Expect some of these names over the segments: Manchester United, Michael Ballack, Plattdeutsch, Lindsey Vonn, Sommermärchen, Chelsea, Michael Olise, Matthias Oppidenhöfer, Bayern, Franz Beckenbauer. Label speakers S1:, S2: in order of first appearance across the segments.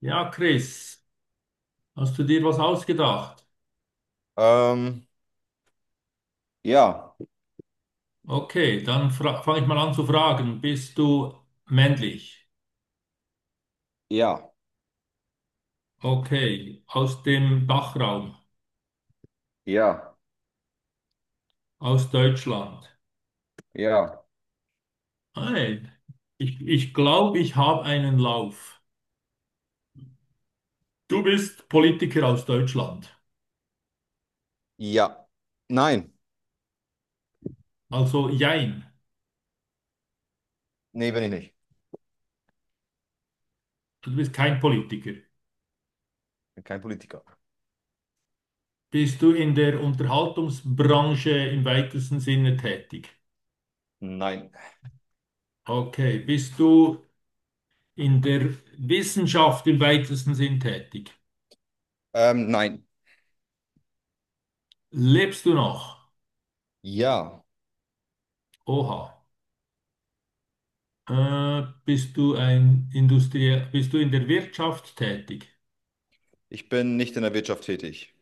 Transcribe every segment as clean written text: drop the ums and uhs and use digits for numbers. S1: Ja, Chris, hast du dir was ausgedacht?
S2: Ähm, ja,
S1: Okay, dann fange ich mal an zu fragen. Bist du männlich?
S2: ja,
S1: Okay, aus dem Dachraum,
S2: Ja,
S1: aus Deutschland.
S2: ja.
S1: Nein, ich glaube, ich habe einen Lauf. Du bist Politiker aus Deutschland.
S2: ja. Nein.
S1: Also jein,
S2: Nee, bin ich nicht.
S1: du bist kein Politiker.
S2: Bin kein Politiker.
S1: Bist du in der Unterhaltungsbranche im weitesten Sinne tätig?
S2: Nein.
S1: Okay, bist du in der Wissenschaft im weitesten Sinn tätig?
S2: Nein.
S1: Lebst du noch?
S2: Ja.
S1: Oha. Bist du ein Industrie, bist du in der Wirtschaft tätig?
S2: Ich bin nicht in der Wirtschaft tätig.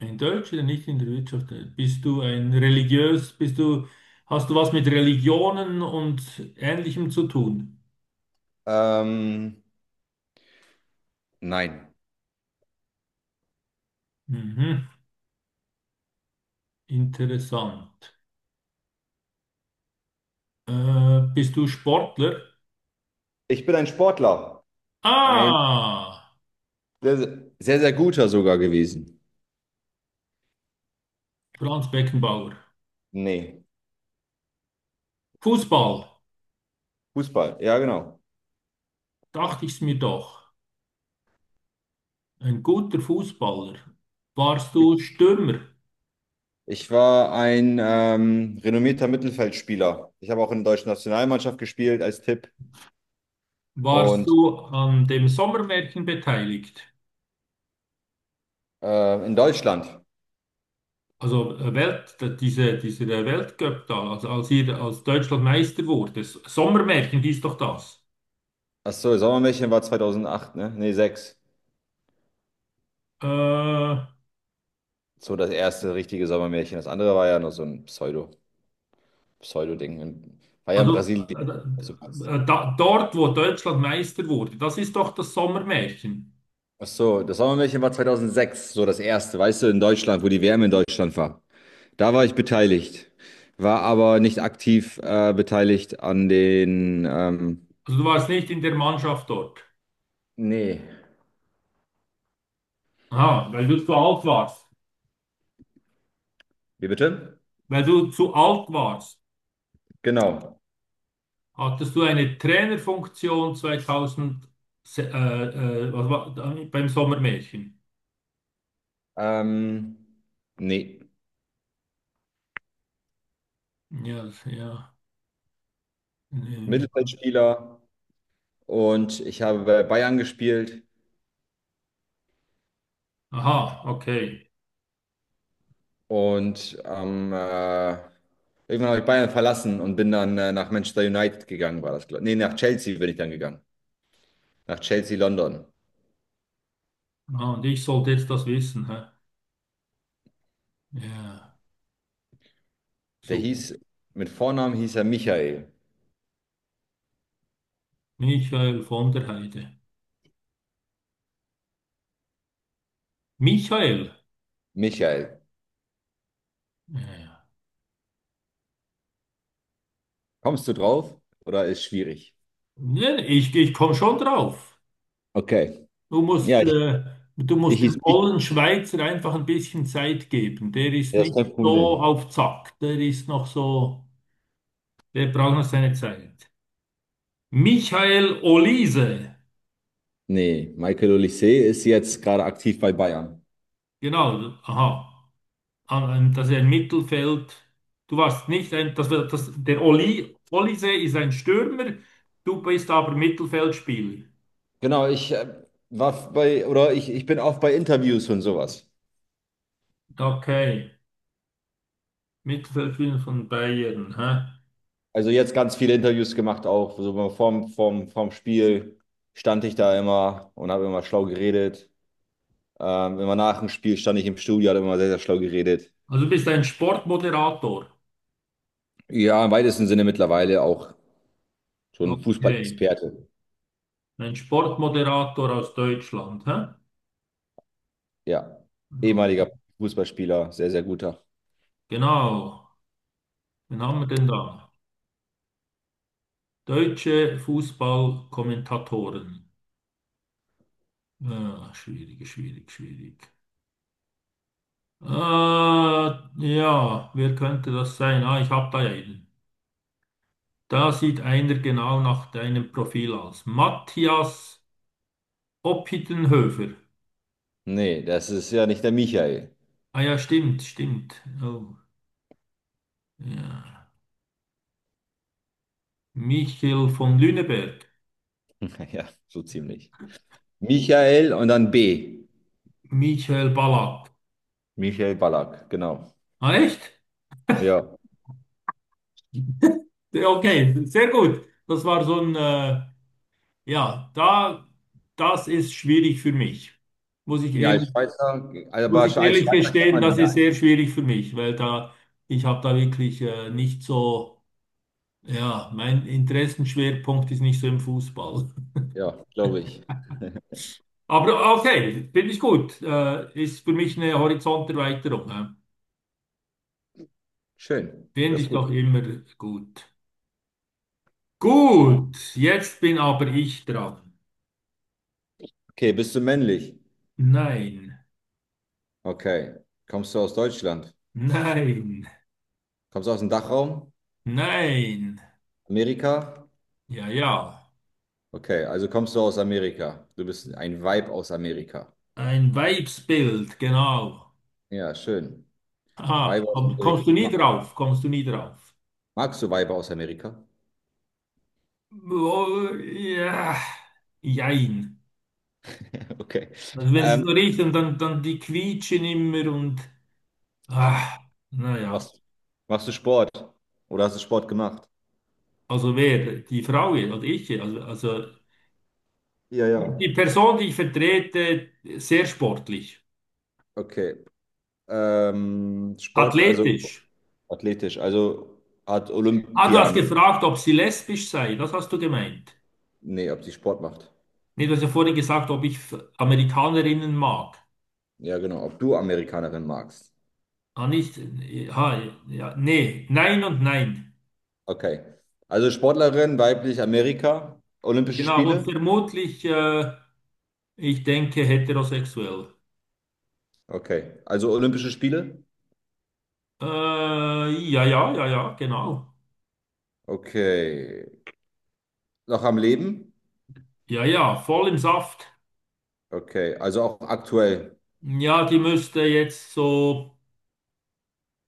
S1: In Deutsch oder nicht in der Wirtschaft tätig? Bist du ein religiös, bist du, hast du was mit Religionen und Ähnlichem zu tun?
S2: Ähm, nein.
S1: Mhm, interessant. Bist du Sportler?
S2: Ich bin ein Sportler. Ein
S1: Ah,
S2: sehr, sehr, sehr guter sogar gewesen.
S1: Franz Beckenbauer.
S2: Nee.
S1: Fußball,
S2: Fußball. Ja, genau.
S1: dachte ich's mir doch. Ein guter Fußballer. Warst
S2: Ich
S1: du Stürmer?
S2: ich war ein renommierter Mittelfeldspieler. Ich habe auch in der deutschen Nationalmannschaft gespielt als Tipp
S1: Warst
S2: und
S1: du an dem Sommermärchen beteiligt?
S2: in Deutschland.
S1: Also Welt, dieser Weltcup da, also als ihr als Deutschland Meister wurde. S- Sommermärchen hieß doch das.
S2: Ach so, Sommermärchen war 2008, ne? Nee, 6.
S1: Äh, also
S2: So das erste richtige Sommermärchen. Das andere war ja noch so ein Pseudo-Ding, war ja in Brasilien. Also,
S1: Dort, wo Deutschland Meister wurde, das ist doch das Sommermärchen.
S2: Ach so, das Sommermärchen war 2006, so das erste, weißt du, in Deutschland, wo die WM in Deutschland war. Da war ich beteiligt, war aber nicht aktiv beteiligt an den.
S1: Also du warst nicht in der Mannschaft dort.
S2: Nee.
S1: Aha, weil du zu alt warst.
S2: Wie bitte?
S1: Weil du zu alt warst,
S2: Genau.
S1: hattest du eine Trainerfunktion 2000, was war, beim Sommermärchen.
S2: Ähm, nee.
S1: Ja, ja. Nee.
S2: Mittelfeldspieler und ich habe bei Bayern gespielt.
S1: Aha, okay.
S2: Und irgendwann habe ich Bayern verlassen und bin dann nach Manchester United gegangen, war das, glaube ich. Nee, nach Chelsea bin ich dann gegangen. Nach Chelsea London.
S1: Ah, und ich sollte jetzt das wissen, hä? Ja,
S2: Der
S1: super.
S2: hieß, mit Vornamen hieß er Michael.
S1: Michael von der Heide. Michael?
S2: Michael.
S1: Ja.
S2: Kommst du drauf oder ist schwierig?
S1: Nee, ich komme schon drauf.
S2: Okay.
S1: Du musst,
S2: Ja, ich,
S1: äh, du
S2: ich
S1: musst dem
S2: hieß Mich.
S1: ollen Schweizer einfach ein bisschen Zeit geben. Der ist
S2: Ja, ist
S1: nicht
S2: kein
S1: so
S2: Problem.
S1: auf Zack. Der ist noch so, der braucht noch seine Zeit. Michael Olise.
S2: Nee, Michael Olise ist jetzt gerade aktiv bei Bayern.
S1: Genau, aha. Das ist ein Mittelfeld. Du warst nicht ein, das, war- das, der Oli, Olise ist ein Stürmer, du bist aber Mittelfeldspieler.
S2: Genau, ich war bei, oder ich bin auch bei Interviews und sowas.
S1: Okay, Mittelfeldspieler von Bayern. Hä?
S2: Also jetzt ganz viele Interviews gemacht auch. So vorm Spiel stand ich da immer und habe immer schlau geredet. Immer nach dem Spiel stand ich im Studio, habe immer sehr, sehr schlau geredet.
S1: Also du bist ein Sportmoderator.
S2: Ja, im weitesten Sinne mittlerweile auch schon
S1: Okay,
S2: Fußballexperte.
S1: ein Sportmoderator aus Deutschland. Hä?
S2: Ja,
S1: No-
S2: ehemaliger Fußballspieler, sehr, sehr guter.
S1: Genau, wen haben wir denn da? Deutsche Fußballkommentatoren. Ja, schwierig, schwierig, schwierig. Ja, Wer könnte das sein? Ah, ich habe da ja einen. Da sieht einer genau nach deinem Profil aus. Matthias Oppidenhöfer.
S2: Nee, das ist ja nicht der Michael.
S1: Ah ja, stimmt, stimmt. Oh, ja. Michael von Lüneberg.
S2: Ja, so ziemlich. Michael und dann B.
S1: Michael Ballack.
S2: Michael Ballack, genau.
S1: Ah, echt?
S2: Ja.
S1: Ja, okay, sehr gut. Das war so ein, ja, da, das ist schwierig für mich. Muss ich
S2: Ja, als
S1: ehrlich
S2: Schweizer, aber
S1: Muss
S2: als
S1: ich
S2: Schweizer
S1: ehrlich
S2: kennt
S1: gestehen,
S2: man ihn
S1: das
S2: ja
S1: ist
S2: eigentlich.
S1: sehr schwierig für mich, weil da ich habe da wirklich nicht so, ja, mein Interessenschwerpunkt ist nicht so im Fußball.
S2: Ja, glaube ich.
S1: Aber okay, finde ich gut. Ist für mich eine Horizonterweiterung. Hä?
S2: Schön,
S1: Finde
S2: das ist
S1: ich
S2: gut.
S1: doch immer gut. Gut, jetzt bin aber ich dran.
S2: Okay, bist du männlich?
S1: Nein,
S2: Okay. Kommst du aus Deutschland?
S1: nein,
S2: Kommst du aus dem Dachraum?
S1: nein.
S2: Amerika?
S1: Ja, ja.
S2: Okay, also kommst du aus Amerika. Du bist ein Weib aus Amerika.
S1: Ein Weibsbild, genau.
S2: Ja, schön.
S1: Aha,
S2: Weiber aus
S1: komm,
S2: Amerika.
S1: kommst du nie
S2: Ma
S1: drauf? Kommst du nie drauf?
S2: magst du Weiber aus Amerika?
S1: Boah, ja, jein.
S2: Okay.
S1: Also wenn sie
S2: Ähm,
S1: so riechen, dann, dann die quietschen immer und ah, naja.
S2: machst, machst du Sport? Oder hast du Sport gemacht?
S1: Also wer? Die Frau hier, also ich hier. Also
S2: Ja,
S1: die, die
S2: ja.
S1: Person, die ich vertrete, sehr sportlich,
S2: Okay. Sport, also
S1: athletisch.
S2: athletisch, also hat
S1: Ah, du
S2: Olympia
S1: hast
S2: mit.
S1: gefragt, ob sie lesbisch sei. Das hast du gemeint.
S2: Nee, ob sie Sport macht.
S1: Nee, du hast ja vorhin gesagt, ob ich F- Amerikanerinnen mag.
S2: Ja, genau. Ob du Amerikanerin magst.
S1: Ah, nicht. Ah, ja, nee. Nein und nein.
S2: Okay. Also Sportlerin, weiblich, Amerika, Olympische
S1: Genau. Und
S2: Spiele.
S1: vermutlich. Ich denke heterosexuell.
S2: Okay. Also Olympische Spiele.
S1: Ja, ja, ja, ja, genau.
S2: Okay. Noch am Leben?
S1: Ja, ja, voll im Saft.
S2: Okay. Also auch aktuell.
S1: Ja, die müsste jetzt so,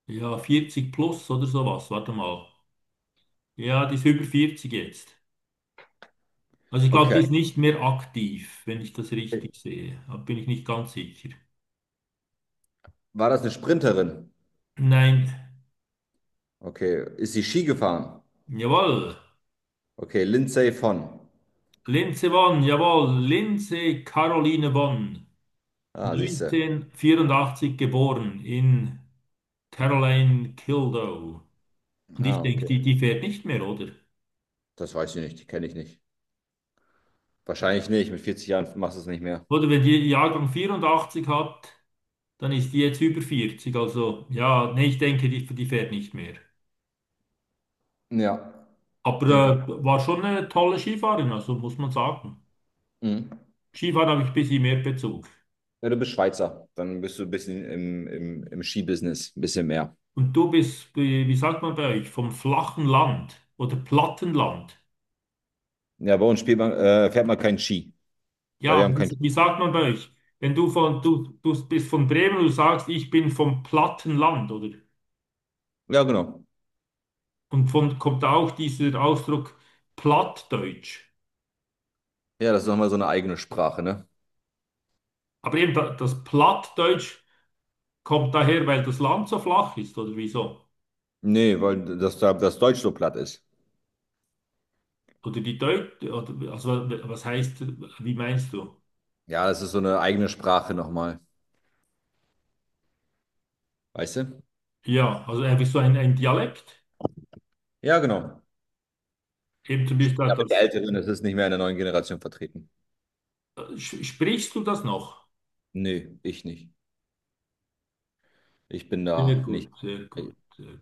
S1: ja, 40 plus oder sowas. Warte mal. Ja, die ist über 40 jetzt. Also ich glaube, die
S2: Okay.
S1: ist nicht mehr aktiv, wenn ich das richtig sehe. Da bin ich nicht ganz sicher.
S2: War das eine Sprinterin?
S1: Nein.
S2: Okay. Ist sie Ski gefahren?
S1: Jawohl.
S2: Okay. Lindsay von.
S1: Linze Vonn, jawohl. Linze Caroline Vonn.
S2: Ah, siehst du.
S1: 1984 geboren in Caroline Kildow. Und ich
S2: Ah,
S1: denke,
S2: okay.
S1: die, die fährt nicht mehr, oder?
S2: Das weiß ich nicht. Die kenne ich nicht. Wahrscheinlich nicht. Mit 40 Jahren machst du es nicht mehr.
S1: Oder wenn die Jahrgang 84 hat, dann ist die jetzt über 40. Also ja, nee, ich denke, die, die fährt nicht mehr.
S2: Ja, denke.
S1: Aber war schon eine tolle Skifahrerin, also muss man sagen.
S2: Mhm.
S1: Skifahren habe ich ein bisschen mehr Bezug.
S2: Ja, du bist Schweizer, dann bist du ein bisschen im Skibusiness, ein bisschen mehr.
S1: Und du bist, wie, wie sagt man bei euch, vom flachen Land oder Plattenland?
S2: Ja, bei uns spielt man, fährt man keinen Ski, weil wir
S1: Ja,
S2: haben
S1: wie,
S2: keinen
S1: wie
S2: Ski.
S1: sagt man bei euch? Wenn du von, du bist von Bremen, du sagst, ich bin vom Plattenland, oder?
S2: Ja, genau.
S1: Und von kommt auch dieser Ausdruck Plattdeutsch.
S2: Ja, das ist nochmal so eine eigene Sprache, ne?
S1: Aber eben da- das Plattdeutsch kommt daher, weil das Land so flach ist, oder wieso?
S2: Nee, weil das Deutsch so platt ist.
S1: Oder die Deut, oder, also was heißt, wie meinst du?
S2: Ja, das ist so eine eigene Sprache nochmal, weißt du?
S1: Ja, also einfach so ein Dialekt.
S2: Ja, genau.
S1: Eben zum
S2: Sprechen
S1: Beispiel
S2: aber die
S1: das,
S2: Älteren, das ist nicht mehr in der neuen Generation vertreten.
S1: sch- sprichst du das noch?
S2: Nee, ich nicht. Ich bin
S1: Sehr
S2: da
S1: gut,
S2: nicht.
S1: sehr gut. Sehr gut.